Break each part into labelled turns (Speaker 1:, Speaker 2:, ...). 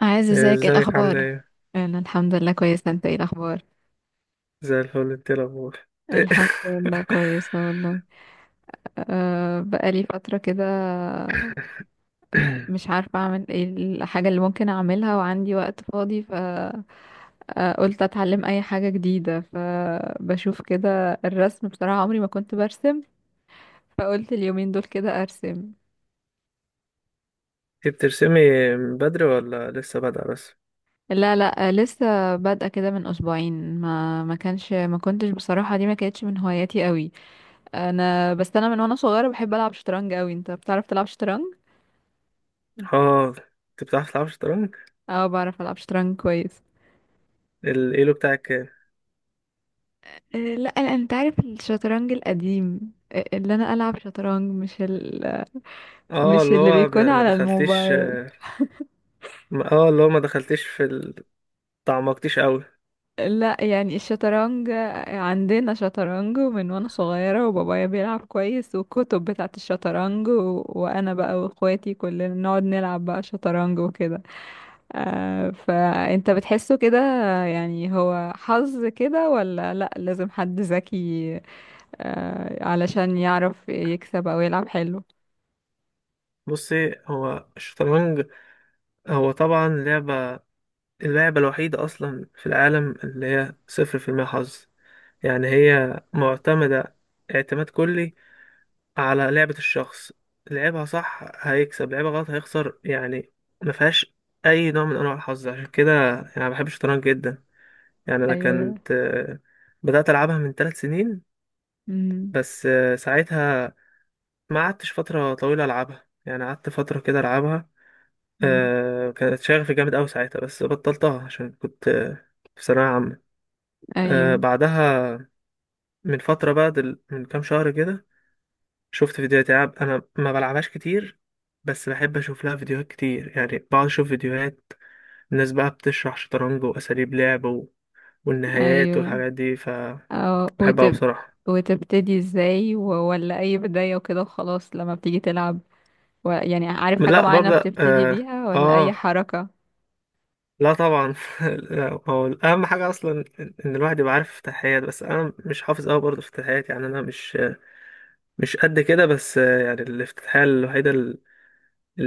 Speaker 1: عايز، ازيك؟ ايه
Speaker 2: ازيك، عاملة
Speaker 1: الاخبار؟
Speaker 2: ايه؟
Speaker 1: انا الحمد لله كويسه. انت ايه الاخبار؟
Speaker 2: زي الفل، انت ايه الأخبار؟ إيه؟
Speaker 1: الحمد لله كويسه والله. بقالي فتره كده، مش عارفه اعمل ايه، الحاجه اللي ممكن اعملها وعندي وقت فاضي، فقلت اتعلم اي حاجه جديده، فبشوف كده الرسم، بصراحه عمري ما كنت برسم، فقلت اليومين دول كده ارسم.
Speaker 2: انت بترسمي من بدري ولا لسه بادئة بس؟
Speaker 1: لا لا، لسه بادئه كده من اسبوعين، ما كنتش بصراحه، دي ما كانتش من هواياتي قوي. بس انا من وانا صغيره بحب العب شطرنج قوي. انت بتعرف تلعب شطرنج؟
Speaker 2: اه، انت بتعرف تلعب شطرنج؟
Speaker 1: اه بعرف العب شطرنج كويس.
Speaker 2: الايلو بتاعك كام؟
Speaker 1: لا أنا- انت عارف الشطرنج القديم، اللي انا العب شطرنج
Speaker 2: اه،
Speaker 1: مش
Speaker 2: اللي
Speaker 1: اللي
Speaker 2: هو
Speaker 1: بيكون
Speaker 2: ما
Speaker 1: على
Speaker 2: دخلتيش.
Speaker 1: الموبايل.
Speaker 2: اه، اللي هو ما دخلتيش تعمقتيش قوي.
Speaker 1: لا يعني الشطرنج، عندنا شطرنج من وانا صغيرة، وبابايا بيلعب كويس، والكتب بتاعت الشطرنج وانا بقى واخواتي كلنا نقعد نلعب بقى شطرنج وكده. فانت بتحسه كده يعني هو حظ كده، ولا لا، لازم حد ذكي علشان يعرف يكسب او يلعب حلو؟
Speaker 2: بصي، هو الشطرنج هو طبعا لعبة، اللعبة الوحيدة أصلا في العالم اللي هي صفر في المية حظ، يعني هي معتمدة اعتماد كلي على لعبة الشخص. لعبها صح هيكسب، لعبها غلط هيخسر يعني. ما فيهاش أي نوع من أنواع الحظ، عشان كده يعني أنا بحب الشطرنج جدا. يعني أنا
Speaker 1: ايوه.
Speaker 2: كنت بدأت ألعبها من ثلاث سنين،
Speaker 1: امم
Speaker 2: بس ساعتها ما قعدتش فترة طويلة ألعبها، يعني قعدت فترة كده ألعبها.
Speaker 1: أمم.
Speaker 2: كانت شغفي جامد أوي ساعتها، بس بطلتها عشان كنت في ثانوية عامة.
Speaker 1: ايوه
Speaker 2: بعدها من فترة بقى من كام شهر كده شفت فيديوهات العاب. انا ما بلعبهاش كتير، بس بحب اشوف لها فيديوهات كتير، يعني بقعد اشوف فيديوهات الناس بقى بتشرح شطرنج واساليب لعب والنهايات
Speaker 1: ايوه.
Speaker 2: والحاجات دي،
Speaker 1: أو
Speaker 2: فبحبها.
Speaker 1: وتب،
Speaker 2: بصراحة
Speaker 1: وتبتدي ازاي ولا اي بداية وكده وخلاص لما بتيجي تلعب، يعني عارف حاجة
Speaker 2: لا
Speaker 1: معينة
Speaker 2: ببدأ،
Speaker 1: بتبتدي بيها ولا اي
Speaker 2: اه،
Speaker 1: حركة؟
Speaker 2: لا طبعا. لا، هو اهم حاجة اصلا إن الواحد يبقى عارف افتتاحيات، بس انا مش حافظ قوي برضه افتتاحيات، يعني انا مش قد كده. بس يعني الافتتاحية الوحيدة اللي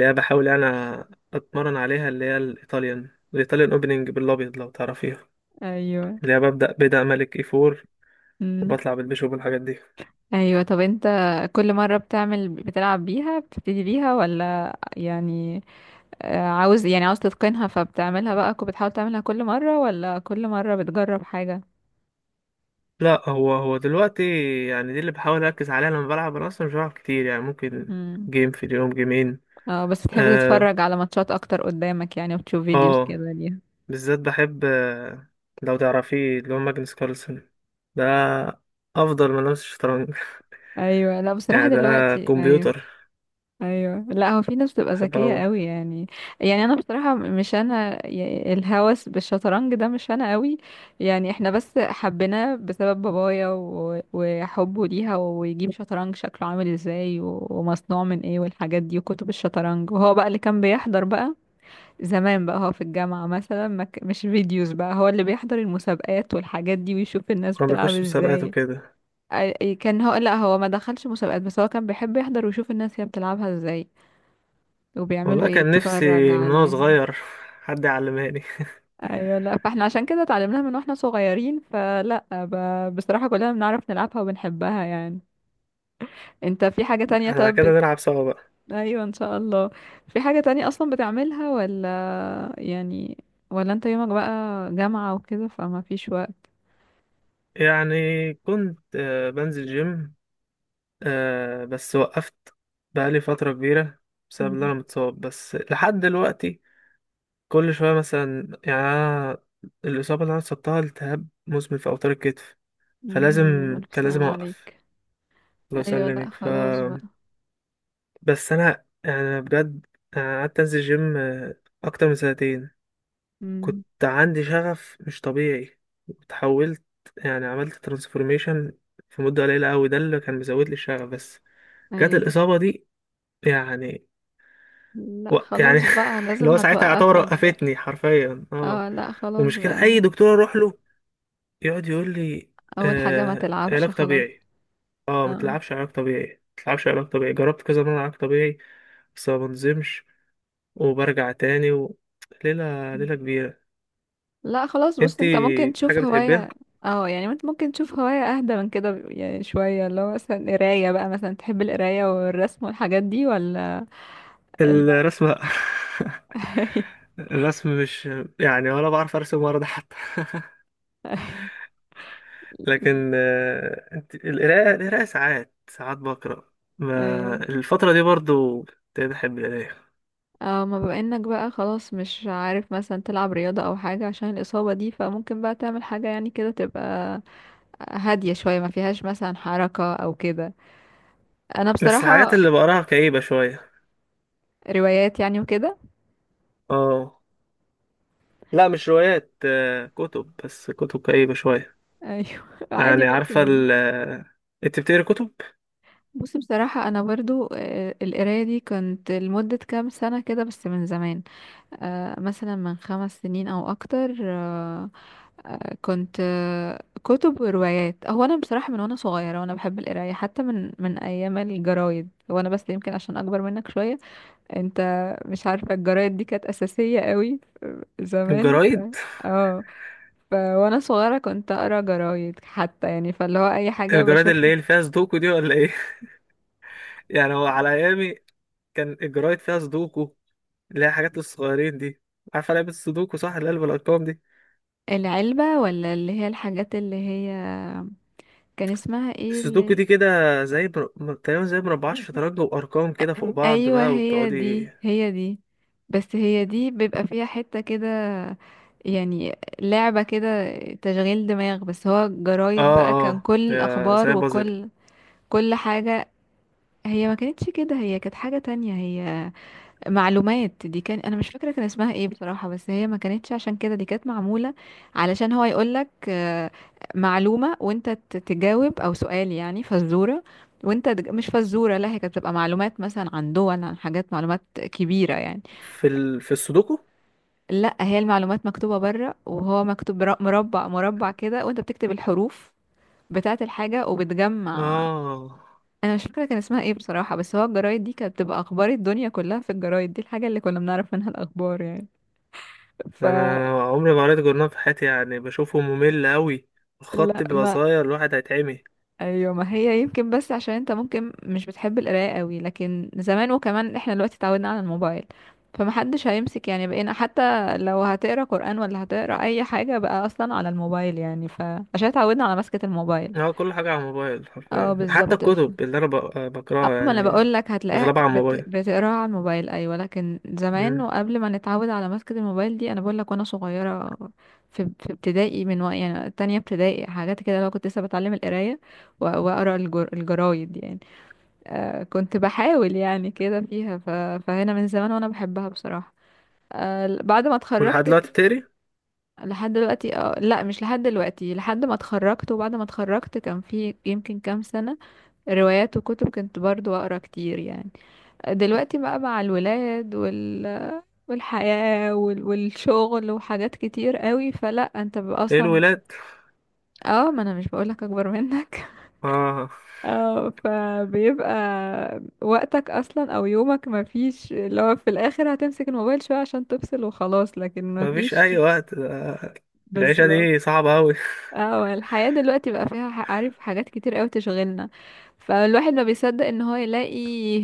Speaker 2: انا بحاول اتمرن عليها، اللي هي الايطاليان اوبننج بالابيض لو تعرفيها،
Speaker 1: ايوه.
Speaker 2: اللي هي ببدأ ملك اي فور
Speaker 1: امم
Speaker 2: وبطلع بالبيشوب والحاجات دي.
Speaker 1: ايوه. طب انت كل مرة بتعمل، بتلعب بيها، بتبتدي بيها ولا يعني عاوز يعني عاوز تتقنها، فبتعملها بقى بتحاول تعملها كل مرة، ولا كل مرة بتجرب حاجة؟
Speaker 2: لا، هو دلوقتي يعني دي اللي بحاول اركز عليها لما بلعب. انا اصلا مش بلعب كتير، يعني ممكن
Speaker 1: امم
Speaker 2: جيم في اليوم، جيمين.
Speaker 1: اه. بس بتحب
Speaker 2: اه,
Speaker 1: تتفرج على ماتشات اكتر قدامك يعني، وتشوف فيديوز
Speaker 2: آه
Speaker 1: كده ليها؟
Speaker 2: بالذات بحب، لو تعرفيه اللي هو ماجنس كارلسن، ده افضل من لمس الشطرنج.
Speaker 1: ايوه. لا بصراحة
Speaker 2: يعني ده
Speaker 1: دلوقتي ايوه.
Speaker 2: كمبيوتر،
Speaker 1: ايوه لا، هو في ناس بتبقى
Speaker 2: بحب
Speaker 1: ذكيه
Speaker 2: اوي.
Speaker 1: قوي يعني. يعني انا بصراحه مش انا الهوس بالشطرنج ده مش انا قوي. يعني احنا بس حبيناه بسبب بابايا وحبه ليها، ويجيب شطرنج شكله عامل ازاي ومصنوع من ايه والحاجات دي، وكتب الشطرنج، وهو بقى اللي كان بيحضر بقى زمان بقى. هو في الجامعه مثلا ما ك- مش فيديوز بقى، هو اللي بيحضر المسابقات والحاجات دي، ويشوف الناس
Speaker 2: كان
Speaker 1: بتلعب
Speaker 2: بيخش مسابقات
Speaker 1: ازاي.
Speaker 2: وكده؟
Speaker 1: كان هو، لا هو ما دخلش مسابقات، بس هو كان بيحب يحضر ويشوف الناس هي بتلعبها ازاي وبيعملوا
Speaker 2: والله
Speaker 1: ايه،
Speaker 2: كان نفسي
Speaker 1: اتفرج
Speaker 2: من وانا
Speaker 1: عليها.
Speaker 2: صغير حد يعلمهاني.
Speaker 1: ايوه لا، فاحنا عشان كده اتعلمناها من واحنا صغيرين، فلا بصراحة كلنا بنعرف نلعبها وبنحبها يعني. انت في حاجة تانية؟
Speaker 2: احنا
Speaker 1: طب
Speaker 2: كده نلعب سوا بقى.
Speaker 1: ايوه ان شاء الله. في حاجة تانية اصلا بتعملها ولا يعني، ولا انت يومك بقى جامعة وكده فما فيش وقت؟
Speaker 2: يعني كنت بنزل جيم، آه، بس وقفت بقالي فترة كبيرة بسبب إن
Speaker 1: مم.
Speaker 2: أنا متصاب بس لحد دلوقتي. كل شوية مثلا يعني أنا الإصابة اللي أنا اتصبتها التهاب مزمن في أوتار الكتف،
Speaker 1: يا
Speaker 2: فلازم
Speaker 1: نهار أبيض، ألف
Speaker 2: كان لازم
Speaker 1: سلام
Speaker 2: أوقف.
Speaker 1: عليك.
Speaker 2: الله
Speaker 1: أيوة لأ
Speaker 2: يسلمك.
Speaker 1: خلاص بقى.
Speaker 2: بس أنا يعني، أنا بجد أنا قعدت أنزل جيم أكتر من سنتين.
Speaker 1: مم.
Speaker 2: كنت عندي شغف مش طبيعي، اتحولت، يعني عملت ترانسفورميشن في مدة قليلة أوي، ده اللي كان مزود لي الشغف. بس جت
Speaker 1: أيوة
Speaker 2: الإصابة دي يعني.
Speaker 1: لأ
Speaker 2: يعني
Speaker 1: خلاص بقى،
Speaker 2: اللي
Speaker 1: لازم
Speaker 2: هو ساعتها يعتبر
Speaker 1: هتوقفك بقى.
Speaker 2: وقفتني حرفيا، اه.
Speaker 1: اه لأ خلاص
Speaker 2: ومشكلة
Speaker 1: بقى.
Speaker 2: اي دكتور اروح له يقعد يقول لي،
Speaker 1: أول حاجة ما تلعبش
Speaker 2: علاج
Speaker 1: خلاص.
Speaker 2: طبيعي. اه، ما
Speaker 1: اه.
Speaker 2: تلعبش علاج طبيعي، ما تلعبش علاج طبيعي. جربت كذا مرة علاج طبيعي بس ما بنزمش وبرجع تاني ليلة ليلة كبيرة.
Speaker 1: لا خلاص، بص
Speaker 2: انتي
Speaker 1: انت ممكن تشوف
Speaker 2: حاجة بتحبيها؟
Speaker 1: هواية. اه يعني انت ممكن تشوف هواية اهدى من كده يعني شوية، اللي هو مثلا قراية بقى، مثلا تحب القراية والرسم والحاجات دي، ولا لا؟
Speaker 2: الرسمة. الرسم مش، يعني ولا بعرف ارسم ولا ده حتى،
Speaker 1: ايوه
Speaker 2: لكن القراءة ساعات ساعات بقرأ. ما
Speaker 1: ايوه.
Speaker 2: الفترة دي برضو ابتديت أحب القراية،
Speaker 1: اه، ما بما انك بقى خلاص مش عارف مثلا تلعب رياضة او حاجة عشان الإصابة دي، فممكن بقى تعمل حاجة يعني كده تبقى هادية شوية، ما فيهاش مثلا حركة او كده. انا
Speaker 2: بس الحاجات
Speaker 1: بصراحة،
Speaker 2: اللي بقراها كئيبة شوية.
Speaker 1: روايات يعني وكده؟
Speaker 2: اه، لا مش روايات، كتب، بس كتب كئيبة شوية.
Speaker 1: ايوه. عادي
Speaker 2: يعني عارفة
Speaker 1: ممكن.
Speaker 2: ال آه، انت بتقري كتب؟
Speaker 1: بصي بصراحة أنا برضو، القراية دي كنت لمدة كام سنة كده بس من زمان، مثلا من خمس سنين أو أكتر، آه، كنت آه، كتب وروايات. هو أنا بصراحة من وأنا صغيرة وأنا بحب القراية، حتى من أيام الجرايد، وأنا بس يمكن عشان أكبر منك شوية. أنت مش عارفة الجرايد دي كانت أساسية قوي زمان
Speaker 2: الجرايد
Speaker 1: اه. ف وانا صغيره كنت اقرا جرايد حتى يعني، فاللي هو اي حاجه
Speaker 2: الجرايد اللي
Speaker 1: بشوفها.
Speaker 2: هي اللي فيها سودوكو دي ولا ايه؟ يعني هو على ايامي كان الجرايد فيها سودوكو، اللي هي حاجات الصغيرين دي. عارفة لعبة السودوكو صح، اللي قلب الأرقام دي؟
Speaker 1: العلبة، ولا اللي هي الحاجات اللي هي كان اسمها ايه
Speaker 2: السودوكو
Speaker 1: اللي؟
Speaker 2: دي كده زي تقريبا زي مربعات شطرنج وارقام كده فوق بعض
Speaker 1: ايوه
Speaker 2: بقى،
Speaker 1: هي
Speaker 2: وبتقعدي.
Speaker 1: دي هي دي، بس هي دي بيبقى فيها حتة كده يعني، لعبة كده تشغيل دماغ، بس هو جرايد بقى
Speaker 2: اه،
Speaker 1: كان
Speaker 2: اه،
Speaker 1: كل
Speaker 2: يا
Speaker 1: الأخبار
Speaker 2: زي بازل.
Speaker 1: وكل كل حاجة. هي ما كانتش كده، هي كانت حاجة تانية هي، معلومات. دي كان انا مش فاكره كان اسمها ايه بصراحه، بس هي ما كانتش عشان كده، دي كانت معموله علشان هو يقولك معلومه وانت تجاوب، او سؤال يعني، فزوره. وانت مش فزوره، لا هي كانت بتبقى معلومات مثلا عن دول عن حاجات، معلومات كبيره يعني.
Speaker 2: في السودوكو.
Speaker 1: لا هي المعلومات مكتوبه بره، وهو مكتوب مربع مربع كده، وانت بتكتب الحروف بتاعه الحاجه وبتجمع.
Speaker 2: اه.
Speaker 1: انا مش فاكره كان اسمها ايه بصراحه، بس هو الجرايد دي كانت بتبقى اخبار الدنيا كلها في الجرايد دي، الحاجه اللي كنا بنعرف منها الاخبار يعني،
Speaker 2: ده انا
Speaker 1: فلا.
Speaker 2: انا عمري ما قريت جورنال في حياتي، يعني بشوفه ممل قوي، الخط بيبقى
Speaker 1: ما
Speaker 2: صغير، الواحد هيتعمي.
Speaker 1: ايوه، ما هي يمكن، بس عشان انت ممكن مش بتحب القرايه قوي، لكن زمان وكمان احنا دلوقتي اتعودنا على الموبايل، فمحدش هيمسك يعني، بقينا حتى لو هتقرا قرآن ولا هتقرا اي حاجه بقى اصلا على الموبايل يعني، فعشان اتعودنا على مسكة الموبايل.
Speaker 2: اه، كل حاجه على الموبايل
Speaker 1: اه
Speaker 2: حرفيا، حتى
Speaker 1: بالظبط.
Speaker 2: الكتب اللي انا
Speaker 1: اه
Speaker 2: بقراها
Speaker 1: ما انا
Speaker 2: يعني،
Speaker 1: بقول لك،
Speaker 2: اغلبها على الموبايل.
Speaker 1: بتقراها على الموبايل ايوه، لكن زمان
Speaker 2: مم.
Speaker 1: وقبل ما نتعود على مسكة الموبايل دي، انا بقول لك وانا صغيره في ابتدائي، من وقت يعني تانية ابتدائي حاجات كده، لو كنت لسه بتعلم القرايه واقرا الجرايد يعني، كنت بحاول يعني كده فيها فهنا من زمان وانا بحبها بصراحه. بعد ما
Speaker 2: ولحد
Speaker 1: اتخرجت
Speaker 2: دلوقتي
Speaker 1: كده.
Speaker 2: بتقري؟
Speaker 1: لحد دلوقتي؟ اه لا، مش لحد دلوقتي، لحد ما اتخرجت، وبعد ما اتخرجت كان في يمكن كام سنه روايات وكتب كنت برضو اقرا كتير يعني. دلوقتي بقى مع الولاد وال والحياة والشغل وحاجات كتير قوي، فلا انت بيبقى
Speaker 2: ايه
Speaker 1: اصلا.
Speaker 2: الولاد؟
Speaker 1: اه ما انا مش بقولك اكبر منك.
Speaker 2: اه.
Speaker 1: اه فبيبقى وقتك اصلا او يومك ما فيش، اللي هو في الاخر هتمسك الموبايل شوية عشان تفصل وخلاص، لكن ما
Speaker 2: مفيش
Speaker 1: فيش.
Speaker 2: اي وقت،
Speaker 1: بس.
Speaker 2: العيشه دي صعبه قوي.
Speaker 1: اه الحياة دلوقتي بقى فيها عارف حاجات كتير قوي تشغلنا، فالواحد ما بيصدق ان هو يلاقي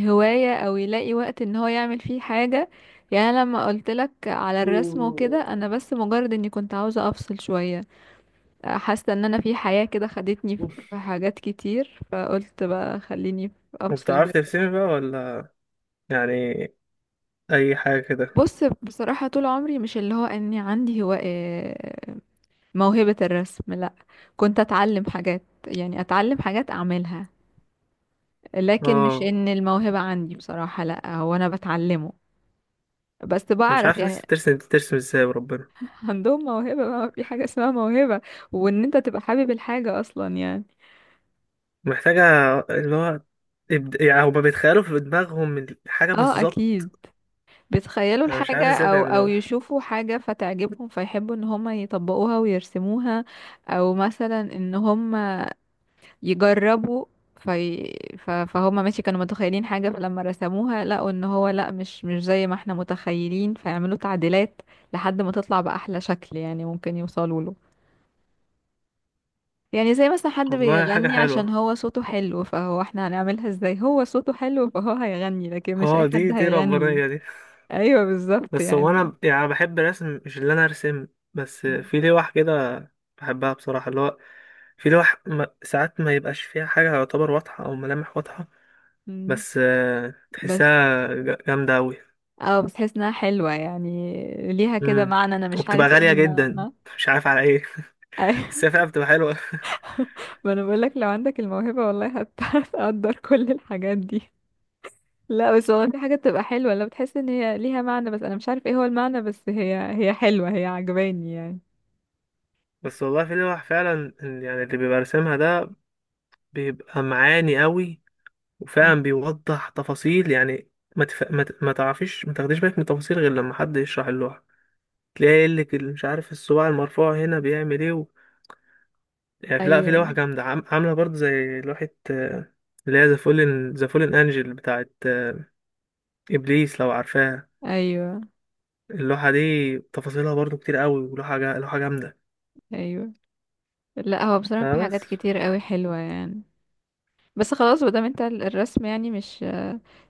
Speaker 1: هواية، او يلاقي وقت ان هو يعمل فيه حاجة يعني. أنا لما قلت لك على الرسم وكده، انا بس مجرد اني كنت عاوزة افصل شوية، حاسة ان انا في حياة كده خدتني في حاجات كتير، فقلت بقى خليني افصل
Speaker 2: وبتعرف
Speaker 1: بالرسم.
Speaker 2: ترسمي بقى ولا، يعني اي حاجه كده؟
Speaker 1: بص بصراحة طول عمري مش اللي هو اني عندي هو موهبة الرسم لا، كنت اتعلم حاجات يعني، اتعلم حاجات اعملها، لكن مش
Speaker 2: اه،
Speaker 1: ان الموهبة عندي بصراحة، لا هو انا بتعلمه بس
Speaker 2: انا مش
Speaker 1: بعرف
Speaker 2: عارف
Speaker 1: يعني.
Speaker 2: لسه بترسم، ازاي وربنا.
Speaker 1: عندهم موهبة بقى، ما في حاجة اسمها موهبة، وان انت تبقى حابب الحاجة اصلا يعني.
Speaker 2: محتاجه اللي هو، يعني هما بيتخيلوا في دماغهم الحاجه
Speaker 1: اه
Speaker 2: بالظبط.
Speaker 1: اكيد، بيتخيلوا
Speaker 2: انا مش عارف
Speaker 1: الحاجة،
Speaker 2: ازاي
Speaker 1: او او
Speaker 2: بيعملوها.
Speaker 1: يشوفوا حاجة فتعجبهم، فيحبوا ان هم يطبقوها ويرسموها. او مثلا ان هم يجربوا في فهم ماشي، كانوا متخيلين حاجة، فلما رسموها لقوا ان هو لا مش زي ما احنا متخيلين، فيعملوا تعديلات لحد ما تطلع بأحلى شكل يعني ممكن يوصلوا له. يعني زي مثلا حد
Speaker 2: والله حاجه
Speaker 1: بيغني عشان
Speaker 2: حلوه،
Speaker 1: هو صوته حلو، فهو احنا هنعملها ازاي، هو صوته حلو فهو هيغني، لكن
Speaker 2: اه،
Speaker 1: مش اي
Speaker 2: دي
Speaker 1: حد
Speaker 2: دي
Speaker 1: هيغني.
Speaker 2: ربانيه دي.
Speaker 1: ايوه بالظبط
Speaker 2: بس هو
Speaker 1: يعني.
Speaker 2: انا يعني بحب الرسم، مش اللي انا ارسم، بس في لوح كده بحبها بصراحه، اللي هو في لوح، ساعات ما يبقاش فيها حاجه يعتبر واضحه او ملامح واضحه،
Speaker 1: مم.
Speaker 2: بس
Speaker 1: بس
Speaker 2: تحسها جامدة أوي.
Speaker 1: اه، بس حاسس انها حلوة يعني، ليها كده
Speaker 2: مم.
Speaker 1: معنى انا مش
Speaker 2: وبتبقى
Speaker 1: عارف ايه
Speaker 2: غالية جدا،
Speaker 1: المعنى.
Speaker 2: مش عارف على ايه. بس هي فعلا بتبقى حلوة.
Speaker 1: ما انا بقول لك لو عندك الموهبة والله هتقدر كل الحاجات دي. لا بس والله في حاجة بتبقى حلوة لو بتحس ان هي ليها معنى، بس انا مش عارف ايه هو المعنى، بس هي هي حلوة، هي عجباني يعني.
Speaker 2: بس والله في لوح فعلا، يعني اللي بيبقى راسمها ده بيبقى معاني أوي
Speaker 1: مم.
Speaker 2: وفعلا بيوضح تفاصيل، يعني ما تعرفيش، ما تاخديش بالك من التفاصيل غير لما حد يشرح اللوحة. تلاقي يقول لك، مش عارف الصباع المرفوع هنا بيعمل ايه يعني لا، في لوح
Speaker 1: ايوه
Speaker 2: جامدة عاملة برضه زي لوحة، اللي هي ذا فولن انجل بتاعت ابليس لو عارفاها.
Speaker 1: ايوه.
Speaker 2: اللوحة دي تفاصيلها برضو كتير قوي، لوحة جامدة.
Speaker 1: ايوه ايوه. لا هو بصراحة
Speaker 2: آه،
Speaker 1: في حاجات
Speaker 2: بس
Speaker 1: كتير قوي حلوة يعني. بس خلاص مادام انت الرسم يعني مش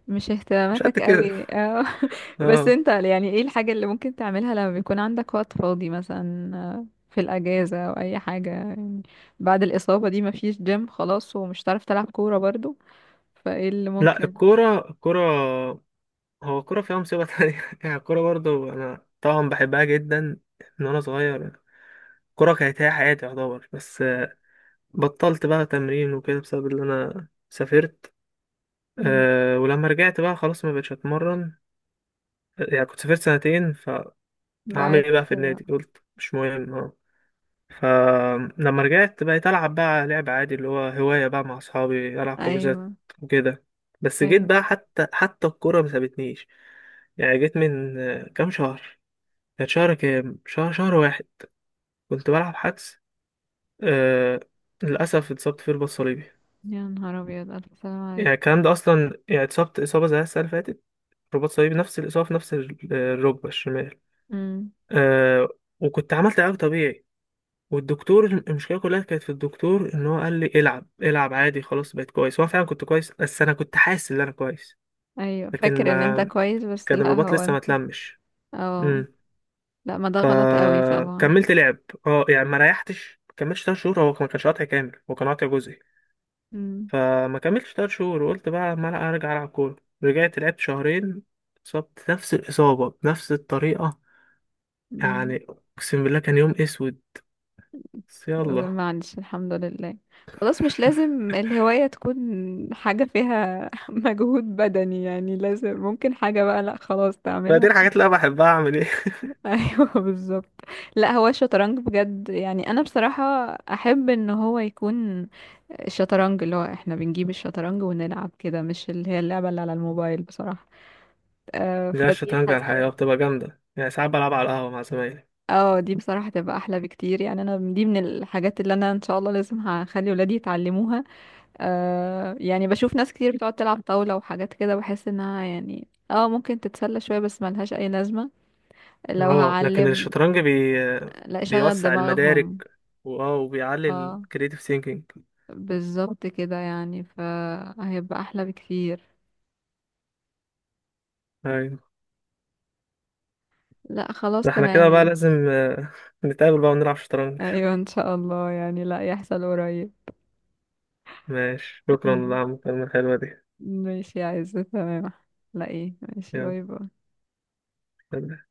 Speaker 1: مش
Speaker 2: مش قد
Speaker 1: اهتماماتك
Speaker 2: كده.
Speaker 1: قوي، اه. بس
Speaker 2: اه،
Speaker 1: انت يعني ايه الحاجة اللي ممكن تعملها لما بيكون عندك وقت فاضي مثلا، في الأجازة أو أي حاجة يعني؟ بعد الإصابة دي مفيش جيم خلاص، ومش هتعرف تلعب كورة برضو، فايه اللي
Speaker 2: لا،
Speaker 1: ممكن؟
Speaker 2: الكورة هو الكورة فيها مصيبة تانية. يعني الكورة برضو أنا طبعا بحبها جدا من وأنا صغير. الكورة كانت هي حياتي يعتبر، بس بطلت بقى تمرين وكده بسبب إن أنا سافرت.
Speaker 1: مم.
Speaker 2: أه، ولما رجعت بقى خلاص ما بقتش أتمرن، يعني كنت سافرت سنتين، فهعمل
Speaker 1: بعد.
Speaker 2: إيه بقى في النادي؟ قلت مش مهم، آه. فلما رجعت بقيت ألعب بقى لعب عادي، اللي هو هواية بقى، مع أصحابي ألعب حجوزات
Speaker 1: أيوه
Speaker 2: وكده. بس جيت
Speaker 1: أيوه.
Speaker 2: بقى، حتى الكورة ما سابتنيش، يعني جيت من كام شهر، كانت شهر، كام شهر، شهر واحد كنت بلعب حدس، آه، للأسف اتصبت فيه رباط صليبي.
Speaker 1: يا نهار أبيض، ألف سلام عليك.
Speaker 2: يعني الكلام ده أصلا، يعني اتصبت إصابة زي السنة اللي فاتت، رباط صليبي، نفس الإصابة في نفس الركبة الشمال.
Speaker 1: مم.
Speaker 2: آه، وكنت عملت علاج طبيعي، والدكتور، المشكله كلها كانت في الدكتور ان هو قال لي العب، العب عادي، خلاص بقيت كويس. هو فعلا كنت كويس، بس انا كنت حاسس ان انا كويس،
Speaker 1: أيوه
Speaker 2: لكن
Speaker 1: فاكر إن أنت
Speaker 2: ما
Speaker 1: كويس، بس
Speaker 2: كان
Speaker 1: لأ
Speaker 2: الرباط
Speaker 1: هو
Speaker 2: لسه ما
Speaker 1: أنت.
Speaker 2: اتلمش.
Speaker 1: اه.
Speaker 2: امم.
Speaker 1: لأ ما ده غلط قوي طبعا.
Speaker 2: فكملت لعب، اه، يعني ما ريحتش، ما كملتش 3 شهور، هو ما كانش قاطع كامل، هو كان قاطع جزئي.
Speaker 1: مم.
Speaker 2: فما كملتش 3 شهور وقلت بقى ما لا ارجع العب كوره. رجعت لعبت شهرين، اتصبت نفس الاصابه بنفس الطريقه،
Speaker 1: مم.
Speaker 2: يعني اقسم بالله كان يوم اسود، بس يلا.
Speaker 1: ما عنديش، الحمد لله. خلاص مش لازم الهواية تكون حاجة فيها مجهود بدني يعني، لازم ممكن حاجة بقى، لا خلاص
Speaker 2: ما دي
Speaker 1: تعملها.
Speaker 2: الحاجات اللي انا بحبها، اعمل إيه؟
Speaker 1: ايوه بالظبط. لا هو الشطرنج بجد يعني انا بصراحة احب ان هو يكون الشطرنج اللي هو احنا بنجيب الشطرنج ونلعب كده، مش اللي هي اللعبة اللي على الموبايل بصراحة،
Speaker 2: لا،
Speaker 1: فدي
Speaker 2: الشطرنج على
Speaker 1: حاسة.
Speaker 2: الحقيقة بتبقى جامدة، يعني ساعات بلعب على القهوة مع زمايلي.
Speaker 1: اه دي بصراحة تبقى احلى بكتير يعني، انا دي من الحاجات اللي انا ان شاء الله لازم هخلي ولادي يتعلموها، يعني بشوف ناس كتير بتقعد تلعب طاولة وحاجات كده، بحس انها يعني اه ممكن تتسلى شوية بس ملهاش اي لازمة. لو
Speaker 2: اه، لكن
Speaker 1: هعلم،
Speaker 2: الشطرنج
Speaker 1: لا شغل
Speaker 2: بيوسع
Speaker 1: دماغهم.
Speaker 2: المدارك، واه وبيعلي
Speaker 1: اه
Speaker 2: الكريتيف ثينكينج.
Speaker 1: بالظبط كده يعني، فهيبقى احلى بكتير.
Speaker 2: ايوه.
Speaker 1: لا خلاص
Speaker 2: ده احنا
Speaker 1: تمام
Speaker 2: كده بقى
Speaker 1: يعني.
Speaker 2: لازم نتقابل بقى ونلعب شطرنج.
Speaker 1: ايوه ان شاء الله يعني، لا يحصل قريب.
Speaker 2: ماشي، شكرا على المكالمة الحلوة دي.
Speaker 1: ماشي يا عزة، تمام. لا ايه، ماشي،
Speaker 2: يلا،
Speaker 1: باي باي.
Speaker 2: سلام.